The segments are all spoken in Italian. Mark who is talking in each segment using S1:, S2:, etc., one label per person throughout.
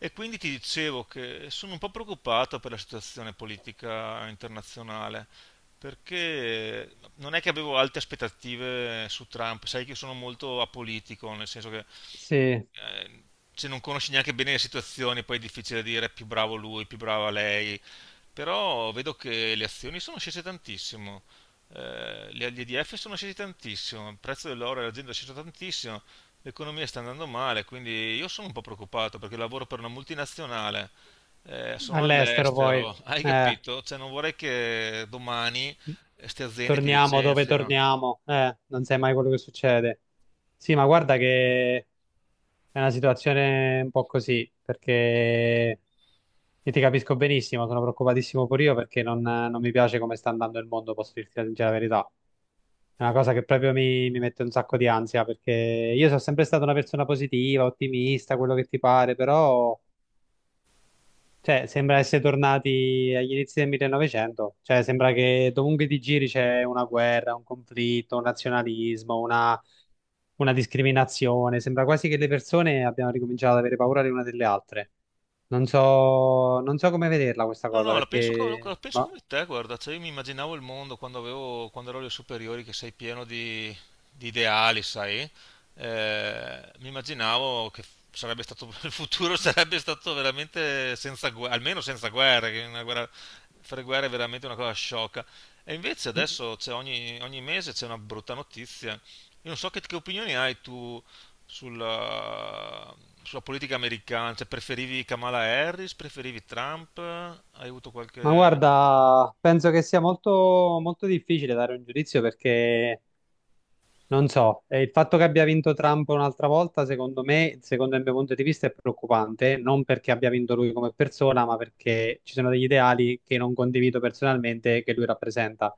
S1: E quindi ti dicevo che sono un po' preoccupato per la situazione politica internazionale, perché non è che avevo alte aspettative su Trump, sai che io sono molto apolitico, nel senso che
S2: Sì,
S1: eh, se non conosci neanche bene le situazioni, poi è difficile dire più bravo lui, più brava lei, però vedo che le azioni sono scese tantissimo, gli EDF sono scesi tantissimo, il prezzo dell'oro e dell'azienda è sceso tantissimo, l'economia sta andando male, quindi io sono un po' preoccupato perché lavoro per una multinazionale, sono
S2: all'estero poi,
S1: all'estero, hai
S2: eh,
S1: capito? Cioè non vorrei che domani queste aziende ti
S2: torniamo dove
S1: licenziano.
S2: torniamo, non sai mai quello che succede. Sì, ma guarda che è una situazione un po' così, perché io ti capisco benissimo, sono preoccupatissimo pure io perché non mi piace come sta andando il mondo, posso dirti la sincera verità. È una cosa che proprio mi mette un sacco di ansia, perché io sono sempre stata una persona positiva, ottimista, quello che ti pare, però. Cioè, sembra essere tornati agli inizi del 1900, cioè sembra che dovunque ti giri c'è una guerra, un conflitto, un nazionalismo, una discriminazione. Sembra quasi che le persone abbiano ricominciato ad avere paura le una delle altre. Non so, non so come vederla questa
S1: No,
S2: cosa
S1: no, la penso, co-
S2: perché...
S1: La penso
S2: Ma,
S1: come te, guarda, cioè io mi immaginavo il mondo quando avevo, quando ero alle superiori, che sei pieno di ideali, sai? Mi immaginavo che sarebbe stato, il futuro sarebbe stato veramente senza guerra, almeno senza guerre, che una guerra, fare guerre è veramente una cosa sciocca. E invece adesso c'è ogni mese c'è una brutta notizia. Io non so che opinioni hai tu sulla, sulla politica americana? Cioè, preferivi Kamala Harris? Preferivi Trump? Hai avuto
S2: ma
S1: qualche...
S2: guarda, penso che sia molto, molto difficile dare un giudizio perché. Non so, il fatto che abbia vinto Trump un'altra volta, secondo me, secondo il mio punto di vista, è preoccupante, non perché abbia vinto lui come persona, ma perché ci sono degli ideali che non condivido personalmente che lui rappresenta.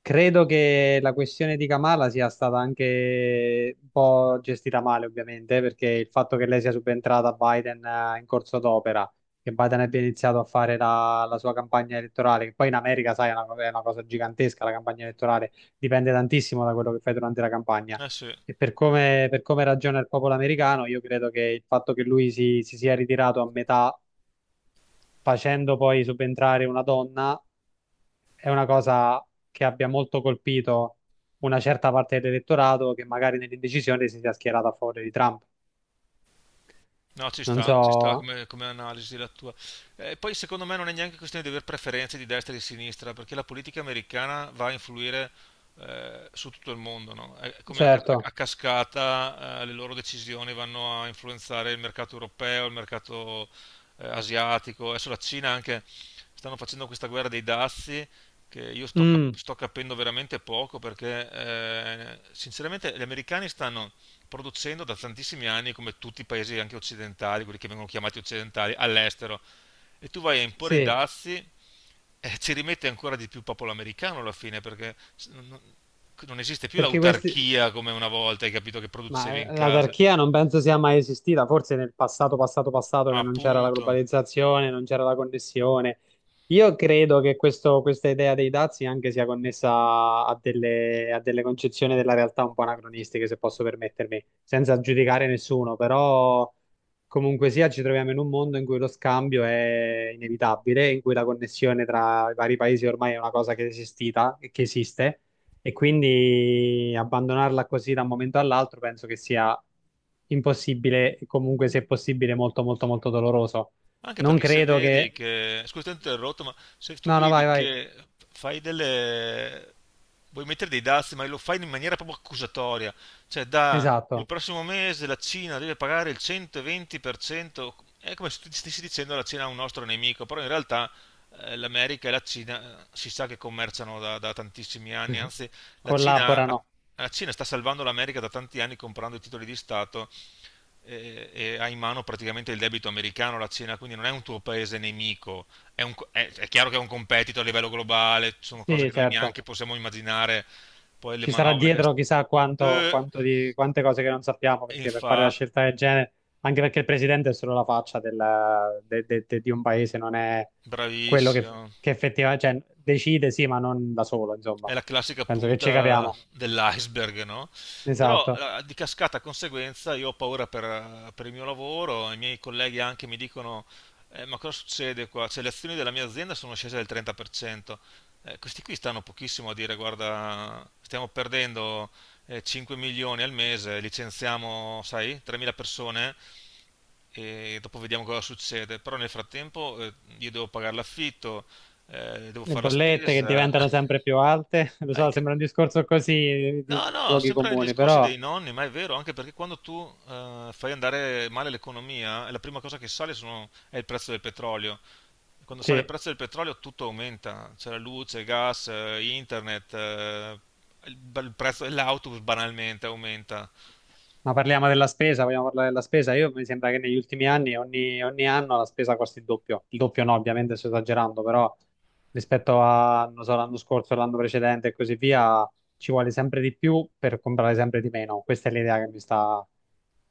S2: Credo che la questione di Kamala sia stata anche un po' gestita male, ovviamente, perché il fatto che lei sia subentrata a Biden in corso d'opera, che Biden abbia iniziato a fare la sua campagna elettorale, che poi in America, sai, è una cosa gigantesca la campagna elettorale, dipende tantissimo da quello che fai durante la campagna.
S1: Eh sì.
S2: E per come ragiona il popolo americano, io credo che il fatto che lui si sia ritirato a metà, facendo poi subentrare una donna è una cosa che abbia molto colpito una certa parte dell'elettorato che magari nell'indecisione si sia schierata a favore di Trump.
S1: No,
S2: Non
S1: ci sta
S2: so,
S1: come, come analisi la tua. Poi secondo me non è neanche questione di avere preferenze di destra e di sinistra, perché la politica americana va a influire su tutto il mondo, no? È come a
S2: certo,
S1: cascata, le loro decisioni vanno a influenzare il mercato europeo, il mercato asiatico. Adesso la Cina anche stanno facendo questa guerra dei dazi che
S2: mm,
S1: sto capendo veramente poco perché sinceramente gli americani stanno producendo da tantissimi anni, come tutti i paesi anche occidentali, quelli che vengono chiamati occidentali, all'estero. E tu vai a imporre i
S2: sì,
S1: dazi e ci rimette ancora di più popolo americano alla fine, perché non esiste più
S2: perché questi.
S1: l'autarchia come una volta, hai capito, che producevi
S2: Ma
S1: in
S2: eh,
S1: casa.
S2: l'autarchia non penso sia mai esistita, forse nel passato, passato, passato che non c'era la
S1: Appunto.
S2: globalizzazione, non c'era la connessione. Io credo che questa idea dei dazi anche sia connessa a delle concezioni della realtà un po' anacronistiche, se posso permettermi, senza giudicare nessuno, però comunque sia ci troviamo in un mondo in cui lo scambio è inevitabile, in cui la connessione tra i vari paesi ormai è una cosa che è esistita e che esiste e quindi abbandonarla così da un momento all'altro penso che sia impossibile, e comunque se possibile molto molto molto doloroso.
S1: Anche
S2: Non
S1: perché se
S2: credo
S1: vedi
S2: che...
S1: che, scusa, ti ho interrotto, ma se tu
S2: No, no, vai,
S1: vedi
S2: vai.
S1: che fai delle, vuoi mettere dei dazi, ma lo fai in maniera proprio accusatoria, cioè da il
S2: Esatto,
S1: prossimo mese la Cina deve pagare il 120%, è come se tu stessi dicendo la Cina è un nostro nemico, però in realtà l'America e la Cina si sa che commerciano da, da tantissimi anni, anzi la Cina, ha-
S2: collaborano.
S1: la Cina sta salvando l'America da tanti anni comprando i titoli di Stato e ha in mano praticamente il debito americano, la Cina, quindi non è un tuo paese nemico, è chiaro che è un competitor a livello globale, sono cose che
S2: Sì,
S1: noi
S2: certo.
S1: neanche possiamo immaginare, poi le
S2: Ci sarà
S1: manovre che...
S2: dietro chissà
S1: Eh,
S2: quante cose che non sappiamo, perché per fare la
S1: infatti,
S2: scelta del genere, anche perché il presidente è solo la faccia di un paese, non è quello che,
S1: bravissimo.
S2: che effettivamente, cioè, decide, sì, ma non da solo,
S1: È
S2: insomma.
S1: la classica
S2: Penso che ci
S1: punta
S2: capiamo.
S1: dell'iceberg, no? Però
S2: Esatto.
S1: di cascata conseguenza io ho paura per il mio lavoro, i miei colleghi anche mi dicono, ma cosa succede qua? Cioè, le azioni della mia azienda sono scese del 30%. Questi qui stanno pochissimo a dire, guarda, stiamo perdendo 5 milioni al mese, licenziamo, sai, 3.000 persone e dopo vediamo cosa succede. Però nel frattempo io devo pagare l'affitto, devo
S2: Le
S1: fare la
S2: bollette che
S1: spesa.
S2: diventano sempre più alte, lo
S1: Hai
S2: so,
S1: cap-
S2: sembra un discorso così
S1: No,
S2: di
S1: no,
S2: luoghi
S1: sembra gli
S2: comuni,
S1: discorsi
S2: però
S1: dei nonni, ma è vero, anche perché quando tu fai andare male l'economia, la prima cosa che sale è il prezzo del petrolio. Quando sale il
S2: sì,
S1: prezzo del petrolio tutto aumenta, c'è la luce, il gas, internet, il prezzo dell'autobus banalmente aumenta.
S2: ma parliamo della spesa, vogliamo parlare della spesa. Io mi sembra che negli ultimi anni, ogni anno la spesa costi il doppio. Il doppio no, ovviamente sto esagerando, però rispetto a, non so, l'anno scorso, l'anno precedente e così via, ci vuole sempre di più per comprare sempre di meno. Questa è l'idea che mi sta,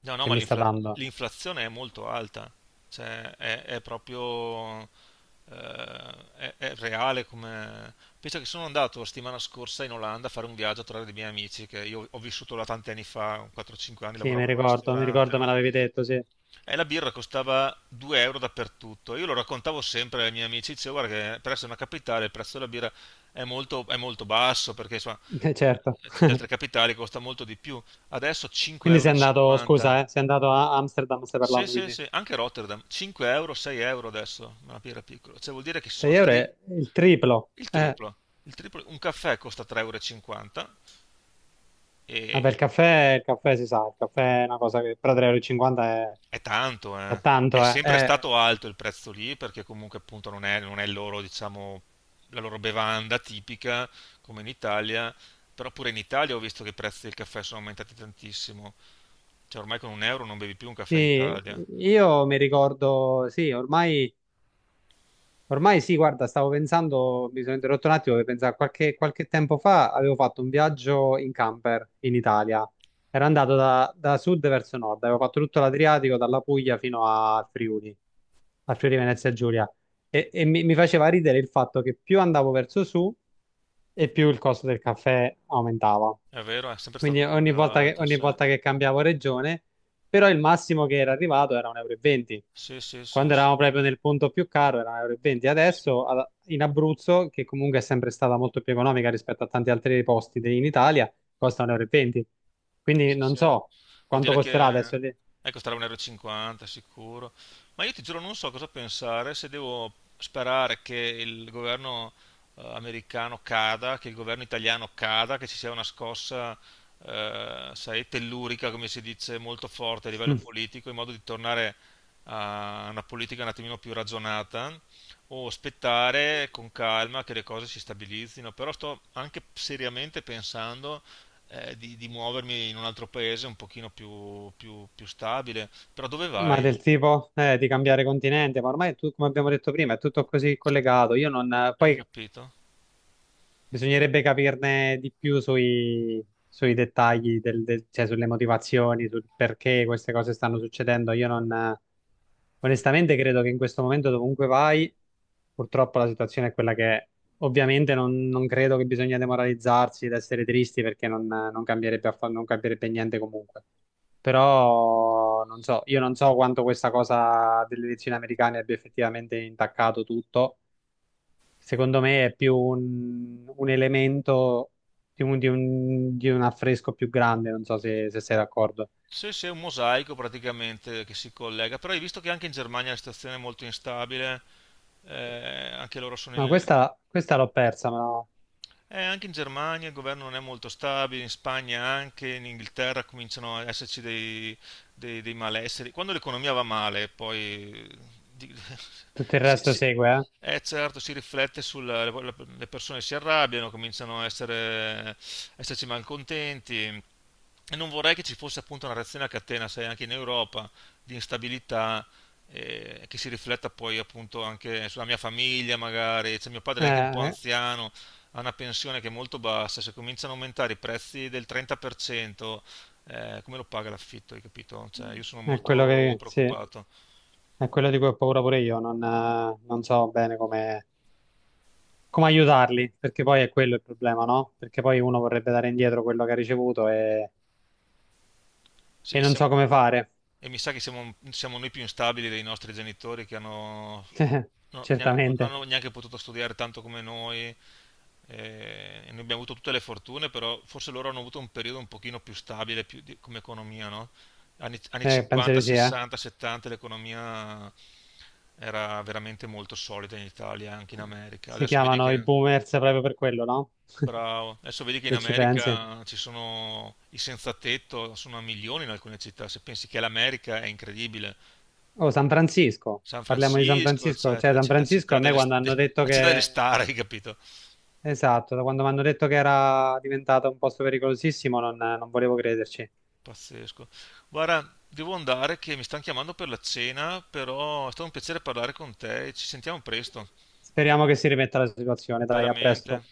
S1: No, no,
S2: che
S1: ma
S2: mi sta
S1: l'infla-
S2: dando.
S1: L'inflazione è molto alta, cioè è proprio è reale come... Penso che sono andato la settimana scorsa in Olanda a fare un viaggio a trovare dei miei amici, che io ho vissuto là tanti anni fa, 4-5 anni,
S2: Sì,
S1: lavoravo in un
S2: mi
S1: ristorante,
S2: ricordo me
S1: no?
S2: l'avevi detto, sì,
S1: E la birra costava 2 euro dappertutto. Io lo raccontavo sempre ai miei amici, dicevo, guarda che per essere una capitale il prezzo della birra è molto basso, perché insomma,
S2: Certo.
S1: in altre capitali costa molto di più. Adesso 5,50
S2: Quindi
S1: euro.
S2: sei
S1: E
S2: andato,
S1: cinquanta.
S2: scusa, sei andato a Amsterdam, stai
S1: Sì,
S2: parlando,
S1: sì,
S2: quindi
S1: sì, anche Rotterdam, 5 euro, 6 euro adesso, ma era piccolo, cioè vuol dire che
S2: 6 euro è il triplo.
S1: il triplo, il triplo, un caffè costa 3,50 euro e cinquanta e
S2: Vabbè, il caffè si sa, il caffè è una cosa che però 3,50 euro e cinquanta
S1: è tanto,
S2: è
S1: eh. È
S2: tanto, eh.
S1: sempre stato alto il prezzo lì perché comunque appunto non è il loro, diciamo, la loro bevanda tipica come in Italia, però pure in Italia ho visto che i prezzi del caffè sono aumentati tantissimo, cioè ormai con un euro non bevi più un caffè in
S2: Sì,
S1: Italia,
S2: io mi ricordo, sì, ormai. Ormai sì, guarda, stavo pensando, mi sono interrotto un attimo per pensare, qualche tempo fa avevo fatto un viaggio in camper in Italia. Ero andato da sud verso nord, avevo fatto tutto l'Adriatico, dalla Puglia fino a Friuli Venezia Giulia. E mi faceva ridere il fatto che più andavo verso su e più il costo del caffè aumentava
S1: è vero, è sempre stato
S2: quindi
S1: un po'
S2: ogni
S1: più
S2: volta che,
S1: alto,
S2: ogni
S1: sì.
S2: volta che cambiavo regione, però il massimo che era arrivato era 1,20 euro e venti.
S1: Sì, sì, sì,
S2: Quando eravamo
S1: sì.
S2: proprio nel punto più caro era 1,20 euro e venti. Adesso in Abruzzo, che comunque è sempre stata molto più economica rispetto a tanti altri posti in Italia, costa 1,20 euro e venti. Quindi
S1: Sì,
S2: non
S1: sì.
S2: so
S1: Vuol
S2: quanto
S1: dire
S2: costerà
S1: che
S2: adesso, lì.
S1: costerà 1,50 euro e cinquanta sicuro. Ma io ti giuro, non so cosa pensare se devo sperare che il governo americano cada, che il governo italiano cada, che ci sia una scossa, sai, tellurica, come si dice, molto forte a livello
S2: Mm.
S1: politico, in modo di tornare a una politica un attimino più ragionata o aspettare con calma che le cose si stabilizzino, però sto anche seriamente pensando di muovermi in un altro paese un pochino più stabile. Però dove
S2: Ma
S1: vai?
S2: del tipo di cambiare continente, ma ormai tu, come abbiamo detto prima, è tutto così collegato. Io non,
S1: Hai
S2: poi
S1: capito?
S2: bisognerebbe capirne di più sui dettagli, cioè sulle motivazioni, sul perché queste cose stanno succedendo. Io non, onestamente credo che in questo momento dovunque vai, purtroppo la situazione è quella che è. Ovviamente non credo che bisogna demoralizzarsi ed essere tristi perché non cambierebbe, non cambierebbe niente comunque. Però non so, io non so quanto questa cosa delle elezioni americane abbia effettivamente intaccato tutto. Secondo me è più un elemento di un affresco più grande, non so se, sei d'accordo.
S1: Sì, sì, è un mosaico praticamente che si collega. Però hai visto che anche in Germania la situazione è molto instabile, anche loro sono
S2: No,
S1: in...
S2: questa l'ho persa, ma
S1: Anche in Germania il governo non è molto stabile, in Spagna anche, in Inghilterra cominciano ad esserci dei malesseri. Quando l'economia va male, poi di-
S2: tutto il
S1: si,
S2: resto
S1: si-
S2: segue,
S1: certo, si riflette sulla, le persone si arrabbiano, cominciano a essere, a esserci malcontenti. E non vorrei che ci fosse appunto una reazione a catena, sai, anche in Europa, di instabilità, che si rifletta poi appunto anche sulla mia famiglia, magari. Cioè, mio padre
S2: eh.
S1: è anche un po'
S2: Eh,
S1: anziano, ha una pensione che è molto bassa, se cominciano a aumentare i prezzi del 30%, come lo paga l'affitto, hai capito? Cioè, io sono
S2: è quello
S1: molto
S2: che, sì,
S1: preoccupato.
S2: è quello di cui ho paura pure io, non so bene come aiutarli, perché poi è quello il problema, no? Perché poi uno vorrebbe dare indietro quello che ha ricevuto e,
S1: Sì,
S2: e
S1: e,
S2: non
S1: siamo-
S2: so come fare.
S1: e mi sa che siamo noi più instabili dei nostri genitori che hanno Non
S2: Certamente,
S1: hanno neanche potuto studiare tanto come noi, e noi abbiamo avuto tutte le fortune, però forse loro hanno avuto un periodo un pochino più stabile come economia, no? Anni
S2: Penso
S1: 50,
S2: di sì, eh.
S1: 60, 70 l'economia era veramente molto solida in Italia, e anche in America.
S2: Si
S1: Adesso vedi
S2: chiamano i
S1: che,
S2: boomers proprio per quello, no?
S1: bravo, adesso vedi che in
S2: Se ci pensi.
S1: America ci sono i senza tetto, sono a milioni in alcune città, se pensi che l'America è incredibile.
S2: Oh, San Francisco,
S1: San
S2: parliamo di San
S1: Francisco,
S2: Francisco.
S1: cioè,
S2: Cioè,
S1: la,
S2: San
S1: la
S2: Francisco a
S1: città
S2: me
S1: delle,
S2: quando
S1: st-
S2: hanno detto
S1: la città delle
S2: che.
S1: star, hai capito?
S2: Esatto, da quando mi hanno detto che era diventato un posto pericolosissimo, non volevo crederci.
S1: Pazzesco. Guarda, devo andare che mi stanno chiamando per la cena, però è stato un piacere parlare con te e ci sentiamo presto,
S2: Speriamo che si rimetta la situazione. Dai, a
S1: veramente.
S2: presto.